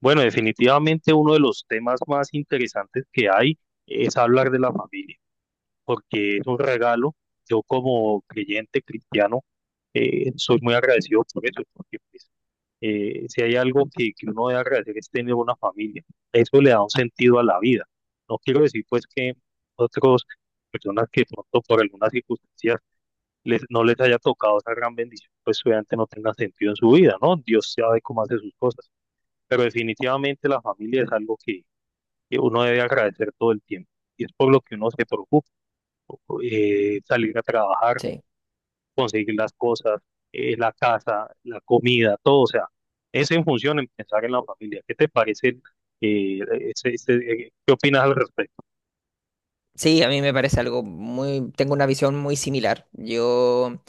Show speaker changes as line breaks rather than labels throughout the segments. Bueno, definitivamente uno de los temas más interesantes que hay es hablar de la familia, porque es un regalo. Yo como creyente cristiano soy muy agradecido por eso, porque pues, si hay algo que uno debe agradecer es tener una familia. Eso le da un sentido a la vida. No quiero decir pues que otras personas que pronto por algunas circunstancias no les haya tocado esa gran bendición, pues obviamente no tenga sentido en su vida, ¿no? Dios sabe cómo hace sus cosas, pero definitivamente la familia es algo que uno debe agradecer todo el tiempo, y es por lo que uno se preocupa: salir a trabajar,
Sí.
conseguir las cosas, la casa, la comida, todo. O sea, es en función en pensar en la familia. ¿Qué te parece? eh, ¿qué opinas al respecto?
Sí, a mí me parece algo tengo una visión muy similar. Yo,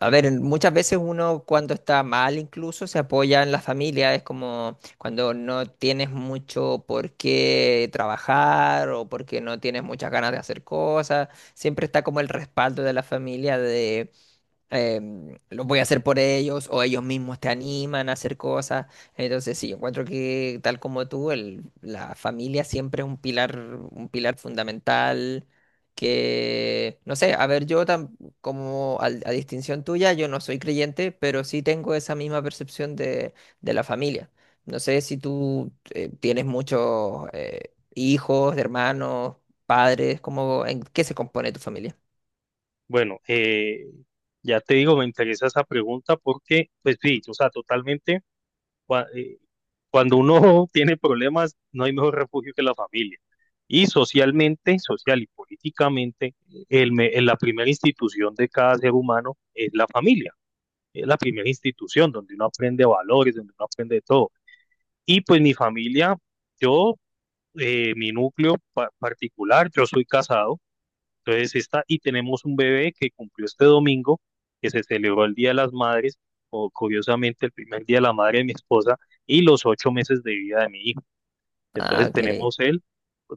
a ver, muchas veces uno cuando está mal incluso se apoya en la familia, es como cuando no tienes mucho por qué trabajar o porque no tienes muchas ganas de hacer cosas, siempre está como el respaldo de la familia los voy a hacer por ellos o ellos mismos te animan a hacer cosas. Entonces, sí, encuentro que tal como tú, la familia siempre es un pilar fundamental. Que, no sé, a ver, yo tam- como al- a, distinción tuya, yo no soy creyente, pero sí tengo esa misma percepción de la familia. No sé si tú tienes muchos hijos, hermanos, padres, ¿en qué se compone tu familia?
Bueno, ya te digo, me interesa esa pregunta porque, pues sí, o sea, totalmente. Cuando uno tiene problemas, no hay mejor refugio que la familia. Y socialmente, social y políticamente, la primera institución de cada ser humano es la familia. Es la primera institución donde uno aprende valores, donde uno aprende de todo. Y pues mi familia, yo, mi núcleo particular, yo soy casado. Entonces está, y tenemos un bebé que cumplió este domingo, que se celebró el Día de las Madres, o curiosamente el primer Día de la Madre de mi esposa, y los 8 meses de vida de mi hijo.
Ah,
Entonces
ok.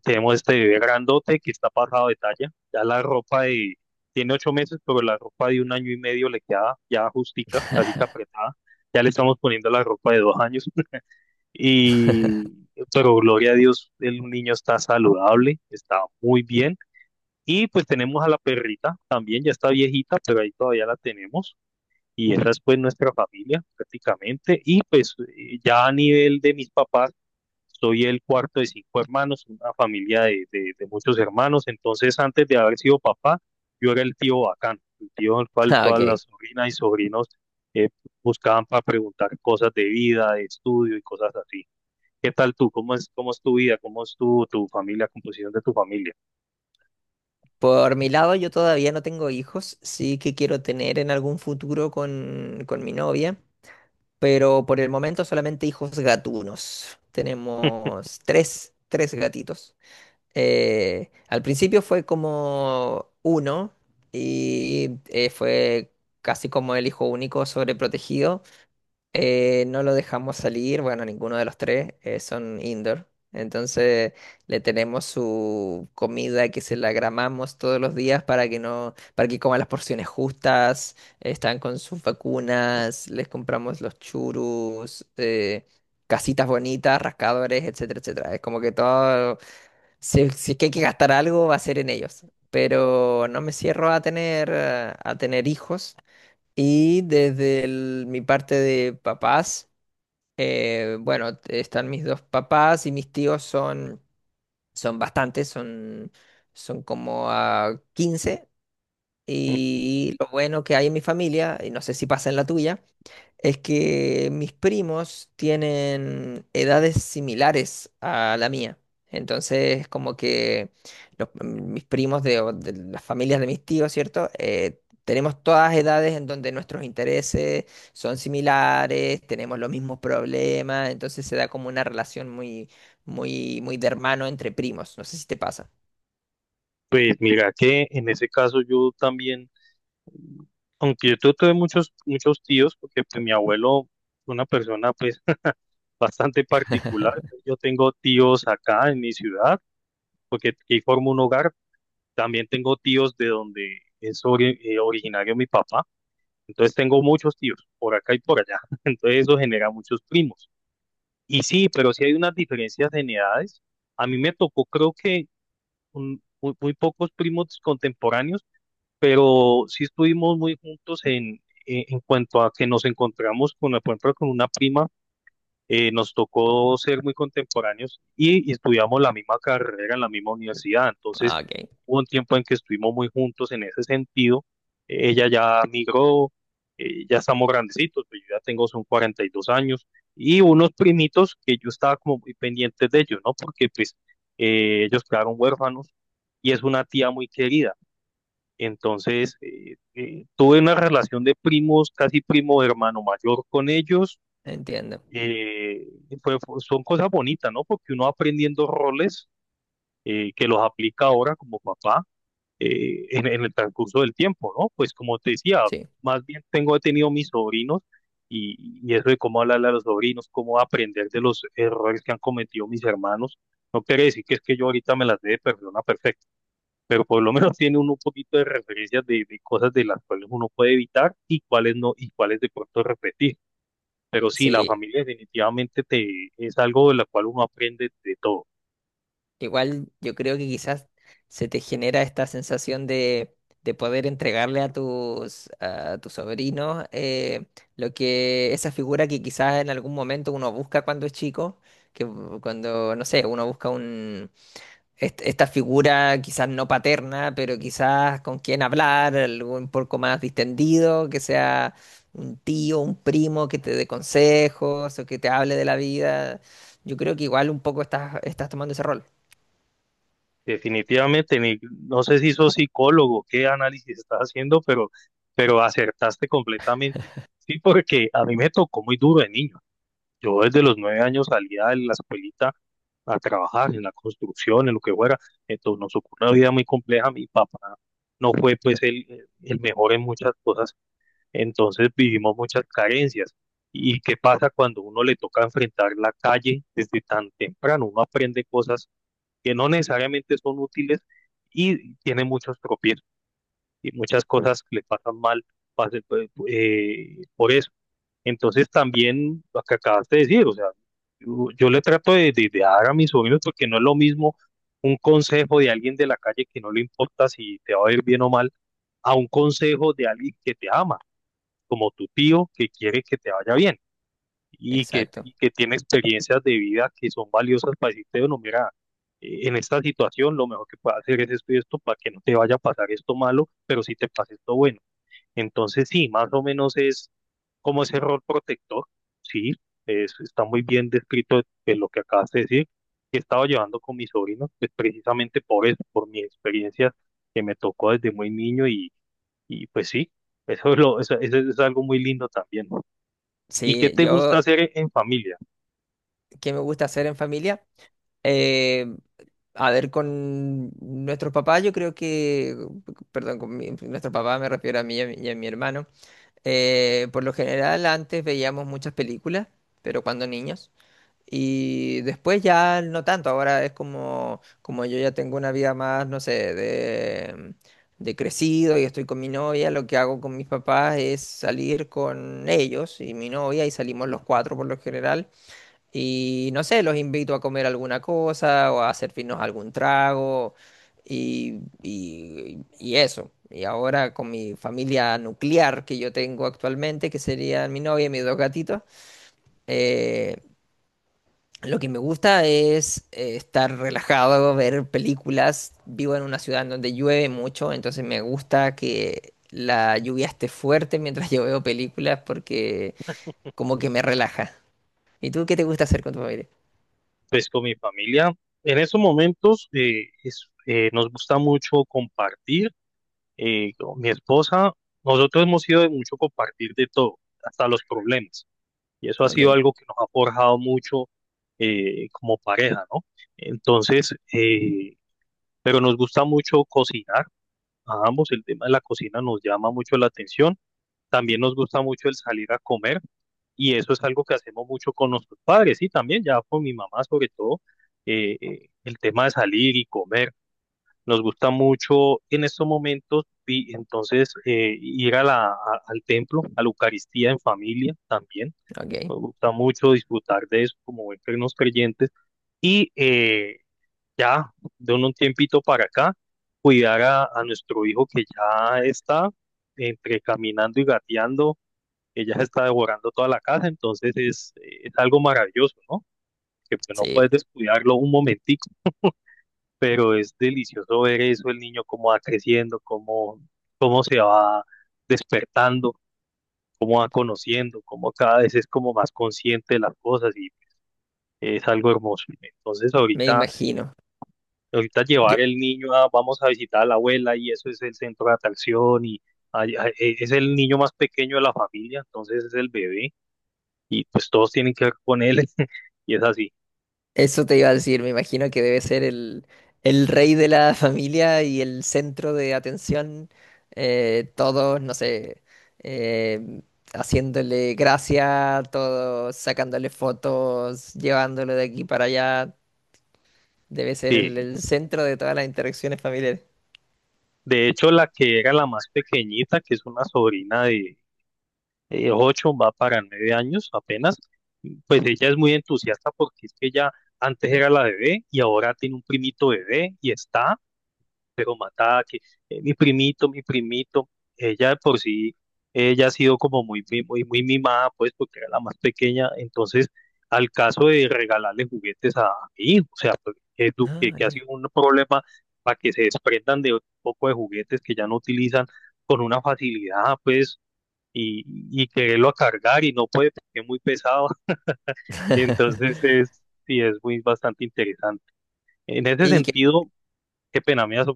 tenemos este bebé grandote que está pasado de talla. Ya la ropa de, tiene 8 meses, pero la ropa de un año y medio le queda ya justica, casi que apretada. Ya le estamos poniendo la ropa de 2 años. Y, pero gloria a Dios, el niño está saludable, está muy bien. Y pues tenemos a la perrita también, ya está viejita, pero ahí todavía la tenemos. Y esa es pues nuestra familia prácticamente. Y pues ya a nivel de mis papás, soy el cuarto de cinco hermanos, una familia de muchos hermanos. Entonces, antes de haber sido papá, yo era el tío bacán, el tío al cual
Ah,
todas las
ok.
sobrinas y sobrinos eh, buscaban para preguntar cosas de vida, de estudio y cosas así. ¿Qué tal tú? ¿Cómo es tu vida? ¿Cómo es tu familia, composición de tu familia?
Por mi lado, yo todavía no tengo hijos, sí que quiero tener en algún futuro con mi novia, pero por el momento solamente hijos gatunos. Tenemos tres gatitos. Al principio fue como uno y fue casi como el hijo único sobreprotegido. No lo dejamos salir, bueno, ninguno de los tres, son indoor. Entonces le tenemos su comida que se la gramamos todos los días para que no, para que coma las porciones justas, están con sus vacunas, les compramos los churus, casitas bonitas, rascadores, etcétera, etcétera. Es como que todo, si es que hay que gastar algo, va a ser en ellos. Pero no me cierro a tener hijos. Y desde mi parte de papás. Bueno, están mis dos papás y mis tíos son, son bastantes, son como a 15. Y lo bueno que hay en mi familia, y no sé si pasa en la tuya, es que mis primos tienen edades similares a la mía. Entonces, como que mis primos o de las familias de mis tíos, ¿cierto? Tenemos todas edades en donde nuestros intereses son similares, tenemos los mismos problemas, entonces se da como una relación muy, muy, muy de hermano entre primos. No sé si te pasa.
Pues mira que en ese caso yo también, aunque yo tuve muchos, muchos tíos, porque pues, mi abuelo fue una persona pues bastante particular. Yo tengo tíos acá en mi ciudad, porque aquí formo un hogar. También tengo tíos de donde es originario mi papá. Entonces tengo muchos tíos por acá y por allá. Entonces eso genera muchos primos. Y sí, pero sí hay unas diferencias en edades. A mí me tocó, creo que muy, muy pocos primos contemporáneos, pero sí estuvimos muy juntos en cuanto a que nos encontramos con, por ejemplo, con una prima. Nos tocó ser muy contemporáneos, y estudiamos la misma carrera en la misma universidad. Entonces,
Ah, ok.
hubo un tiempo en que estuvimos muy juntos en ese sentido. Ella ya migró, ya estamos grandecitos, pues yo ya tengo son 42 años, y unos primitos que yo estaba como muy pendiente de ellos, ¿no? Porque pues ellos quedaron huérfanos y es una tía muy querida. Entonces, tuve una relación de primos, casi primo hermano mayor con ellos.
Entiendo.
eh, Son cosas bonitas, ¿no? Porque uno va aprendiendo roles que los aplica ahora como papá en el transcurso del tiempo, ¿no? Pues como te decía,
Sí.
más bien he tenido mis sobrinos, y eso de cómo hablarle a los sobrinos, cómo aprender de los errores que han cometido mis hermanos. No quiere decir que es que yo ahorita me las dé de persona perfecta, pero por lo menos tiene uno un poquito de referencias de- cosas de las cuales uno puede evitar y cuáles no, y cuáles de pronto repetir. Pero sí, la
Sí.
familia definitivamente te, es algo de la cual uno aprende de todo.
Igual yo creo que quizás se te genera esta sensación de poder entregarle a tus sobrinos lo que esa figura que quizás en algún momento uno busca cuando es chico, que cuando, no sé, uno busca esta figura quizás no paterna, pero quizás con quien hablar, algo un poco más distendido, que sea un tío, un primo que te dé consejos o que te hable de la vida. Yo creo que igual un poco estás tomando ese rol.
Definitivamente, no sé si sos psicólogo, qué análisis estás haciendo, pero acertaste completamente. Sí, porque a mí me tocó muy duro de niño. Yo desde los 9 años salía de la escuelita a trabajar en la construcción, en lo que fuera. Entonces nos ocurrió una vida muy compleja. Mi papá no fue pues el mejor en muchas cosas. Entonces vivimos muchas carencias. ¿Y qué pasa cuando uno le toca enfrentar la calle desde tan temprano? Uno aprende cosas que no necesariamente son útiles, y tiene muchos tropiezos y muchas cosas que le pasan mal pues, por eso. Entonces también lo que acabaste de decir, o sea, yo le trato de dar a mis sobrinos, porque no es lo mismo un consejo de alguien de la calle que no le importa si te va a ir bien o mal, a un consejo de alguien que te ama como tu tío, que quiere que te vaya bien y que,
Exacto.
y que tiene experiencias de vida que son valiosas para decirte: bueno, mira, en esta situación lo mejor que puedes hacer es esto y esto, para que no te vaya a pasar esto malo, pero sí te pase esto bueno. Entonces, sí, más o menos es como ese rol protector. Sí, es, está muy bien descrito en lo que acabas de decir, que he estado llevando con mis sobrinos, pues precisamente por eso, por mis experiencias que me tocó desde muy niño. Y y pues sí, eso es algo muy lindo también, ¿no? ¿Y qué
Sí,
te gusta
yo,
hacer en familia?
¿qué me gusta hacer en familia? Eh, a ver, con nuestros papás, yo creo que, perdón, con nuestro papá me refiero a mí y y a mi hermano. Por lo general, antes veíamos muchas películas, pero cuando niños. Y después ya no tanto, ahora es como, como yo ya tengo una vida más, no sé, de crecido y estoy con mi novia, lo que hago con mis papás es salir con ellos y mi novia y salimos los cuatro por lo general. Y no sé, los invito a comer alguna cosa o a servirnos algún trago y eso. Y ahora con mi familia nuclear que yo tengo actualmente, que serían mi novia y mis dos gatitos, eh, lo que me gusta es estar relajado, ver películas. Vivo en una ciudad en donde llueve mucho, entonces me gusta que la lluvia esté fuerte mientras yo veo películas porque como que me relaja. ¿Y tú qué te gusta hacer con tu familia?
Pues con mi familia, en estos momentos nos gusta mucho compartir. Con mi esposa, nosotros hemos sido de mucho compartir de todo, hasta los problemas. Y eso ha sido
Ok,
algo que nos ha forjado mucho como pareja, ¿no? Entonces, pero nos gusta mucho cocinar. A ambos el tema de la cocina nos llama mucho la atención. También nos gusta mucho el salir a comer. Y eso es algo que hacemos mucho con nuestros padres, y también ya con mi mamá sobre todo, el tema de salir y comer. Nos gusta mucho en estos momentos, y entonces ir a al templo, a la Eucaristía en familia también.
ok.
Nos gusta mucho disfrutar de eso como buenos creyentes, y eh, ya de un tiempito para acá cuidar a nuestro hijo que ya está entre caminando y gateando. Ella se está devorando toda la casa. Entonces es algo maravilloso, ¿no? Que pues no
Sí,
puedes descuidarlo un momentico, pero es delicioso ver eso, el niño cómo va creciendo, cómo, cómo se va despertando, cómo va conociendo, cómo cada vez es como más consciente de las cosas, y es algo hermoso. Entonces
me
ahorita,
imagino.
ahorita llevar
Yo-
el niño a, vamos a visitar a la abuela, y eso es el centro de atracción, y es el niño más pequeño de la familia, entonces es el bebé, y pues todos tienen que ver con él. Y es así,
Eso te iba a decir, me imagino que debe ser el rey de la familia y el centro de atención. Todos, no sé, eh, haciéndole gracia, todos sacándole fotos, llevándolo de aquí para allá. Debe ser
sí.
el centro de todas las interacciones familiares.
De hecho, la que era la más pequeñita, que es una sobrina de ocho, va para 9 años apenas, pues ella es muy entusiasta, porque es que ella antes era la bebé y ahora tiene un primito bebé y está pero matada, que mi primito, ella de por sí, ella ha sido como muy mimada, pues, porque era la más pequeña. Entonces, al caso de regalarle juguetes a mi hijo, o sea, pues, que, du- que,
Ah,
que ha
ok.
sido un problema para que se desprendan de un poco de juguetes que ya no utilizan con una facilidad, pues, y, y quererlo a cargar y no puede porque es muy pesado, entonces es, sí, es muy bastante interesante. En ese
Y que
sentido, qué pena me vas a.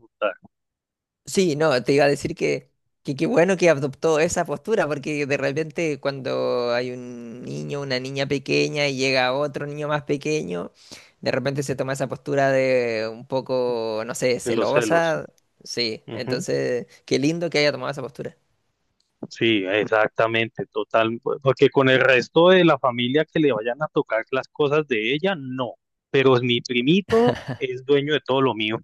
Sí, no, te iba a decir que qué bueno que adoptó esa postura, porque de repente cuando hay un niño, una niña pequeña y llega otro niño más pequeño, de repente se toma esa postura de un poco, no sé,
De los celos.
celosa. Sí,
Ujú.
entonces, qué lindo que haya tomado esa postura.
Sí, exactamente, total, porque con el resto de la familia que le vayan a tocar las cosas de ella, no, pero mi primito es dueño de todo lo mío,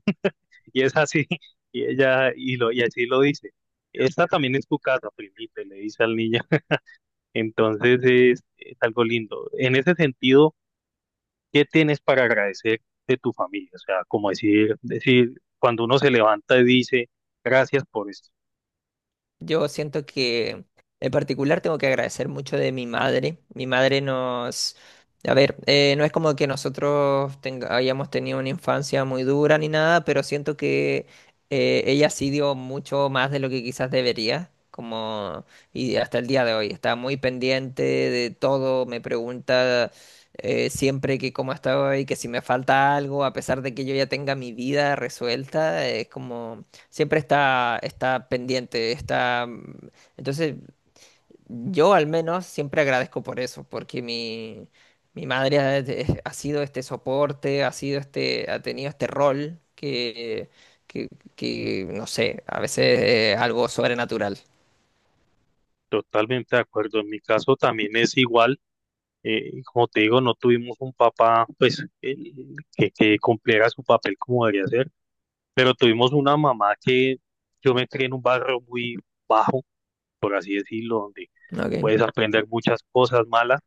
y es así, y ella, y, lo, y así lo dice. Esta también es tu casa, primito, y le dice al niño. Entonces es algo lindo. En ese sentido, ¿qué tienes para agradecer de tu familia? O sea, como decir, decir, cuando uno se levanta y dice: gracias por esto.
Yo siento que en particular tengo que agradecer mucho de mi madre. Mi madre nos, a ver, no es como que nosotros hayamos tenido una infancia muy dura ni nada, pero siento que ella sí dio mucho más de lo que quizás debería. Como, y hasta el día de hoy está muy pendiente de todo, me pregunta siempre que cómo estoy, que si me falta algo, a pesar de que yo ya tenga mi vida resuelta, es como siempre está pendiente, está, entonces, yo al menos siempre agradezco por eso, porque mi madre ha, ha sido este soporte, ha sido este, ha tenido este rol que, que, no sé, a veces es algo sobrenatural,
Totalmente de acuerdo. En mi caso también es igual. Y como te digo, no tuvimos un papá pues que cumpliera su papel como debería ser, pero tuvimos una mamá que yo me crié en un barrio muy bajo, por así decirlo, donde
¿ok?
puedes aprender muchas cosas malas.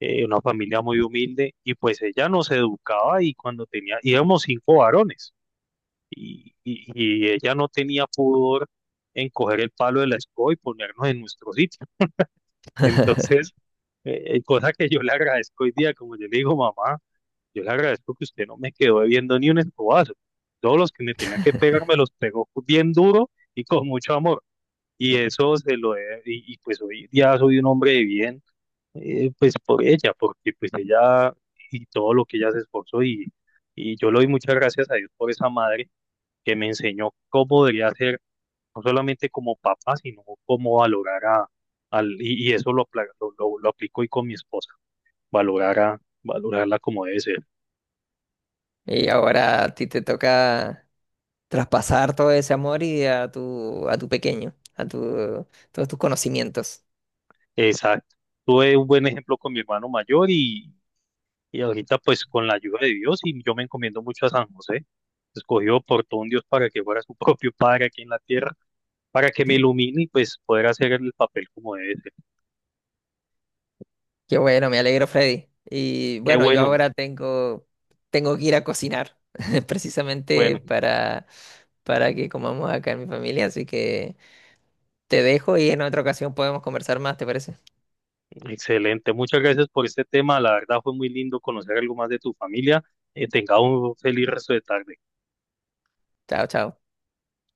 Una familia muy humilde, y pues ella nos educaba, y cuando tenía, íbamos cinco varones, y, y, y ella no tenía pudor en coger el palo de la escoba y ponernos en nuestro sitio. Entonces, cosa que yo le agradezco hoy día, como yo le digo: mamá, yo le agradezco que usted no me quedó debiendo ni un escobazo. Todos los que me tenía que pegar me los pegó bien duro y con mucho amor. Y eso se lo he- y Pues hoy día soy un hombre de bien, pues por ella, porque pues ella, y todo lo que ella se esforzó, y yo le doy muchas gracias a Dios por esa madre que me enseñó cómo debería ser, no solamente como papá, sino cómo valorar y eso lo, apla- lo aplico hoy con mi esposa, valorarla como debe ser.
Y ahora a ti te toca traspasar todo ese amor y a tu pequeño, a tu, todos tus conocimientos.
Exacto. Tuve un buen ejemplo con mi hermano mayor, y ahorita pues con la ayuda de Dios, y yo me encomiendo mucho a San José. Escogido por todo un Dios para que fuera su propio padre aquí en la tierra, para que me ilumine y pues poder hacer el papel como debe ser.
Qué bueno, me alegro, Freddy. Y
Qué
bueno, yo
bueno,
ahora tengo que ir a cocinar, precisamente
bueno,
para que comamos acá en mi familia. Así que te dejo y en otra ocasión podemos conversar más, ¿te parece?
excelente. Muchas gracias por este tema. La verdad fue muy lindo conocer algo más de tu familia. Tenga un feliz resto de tarde.
Chao, chao.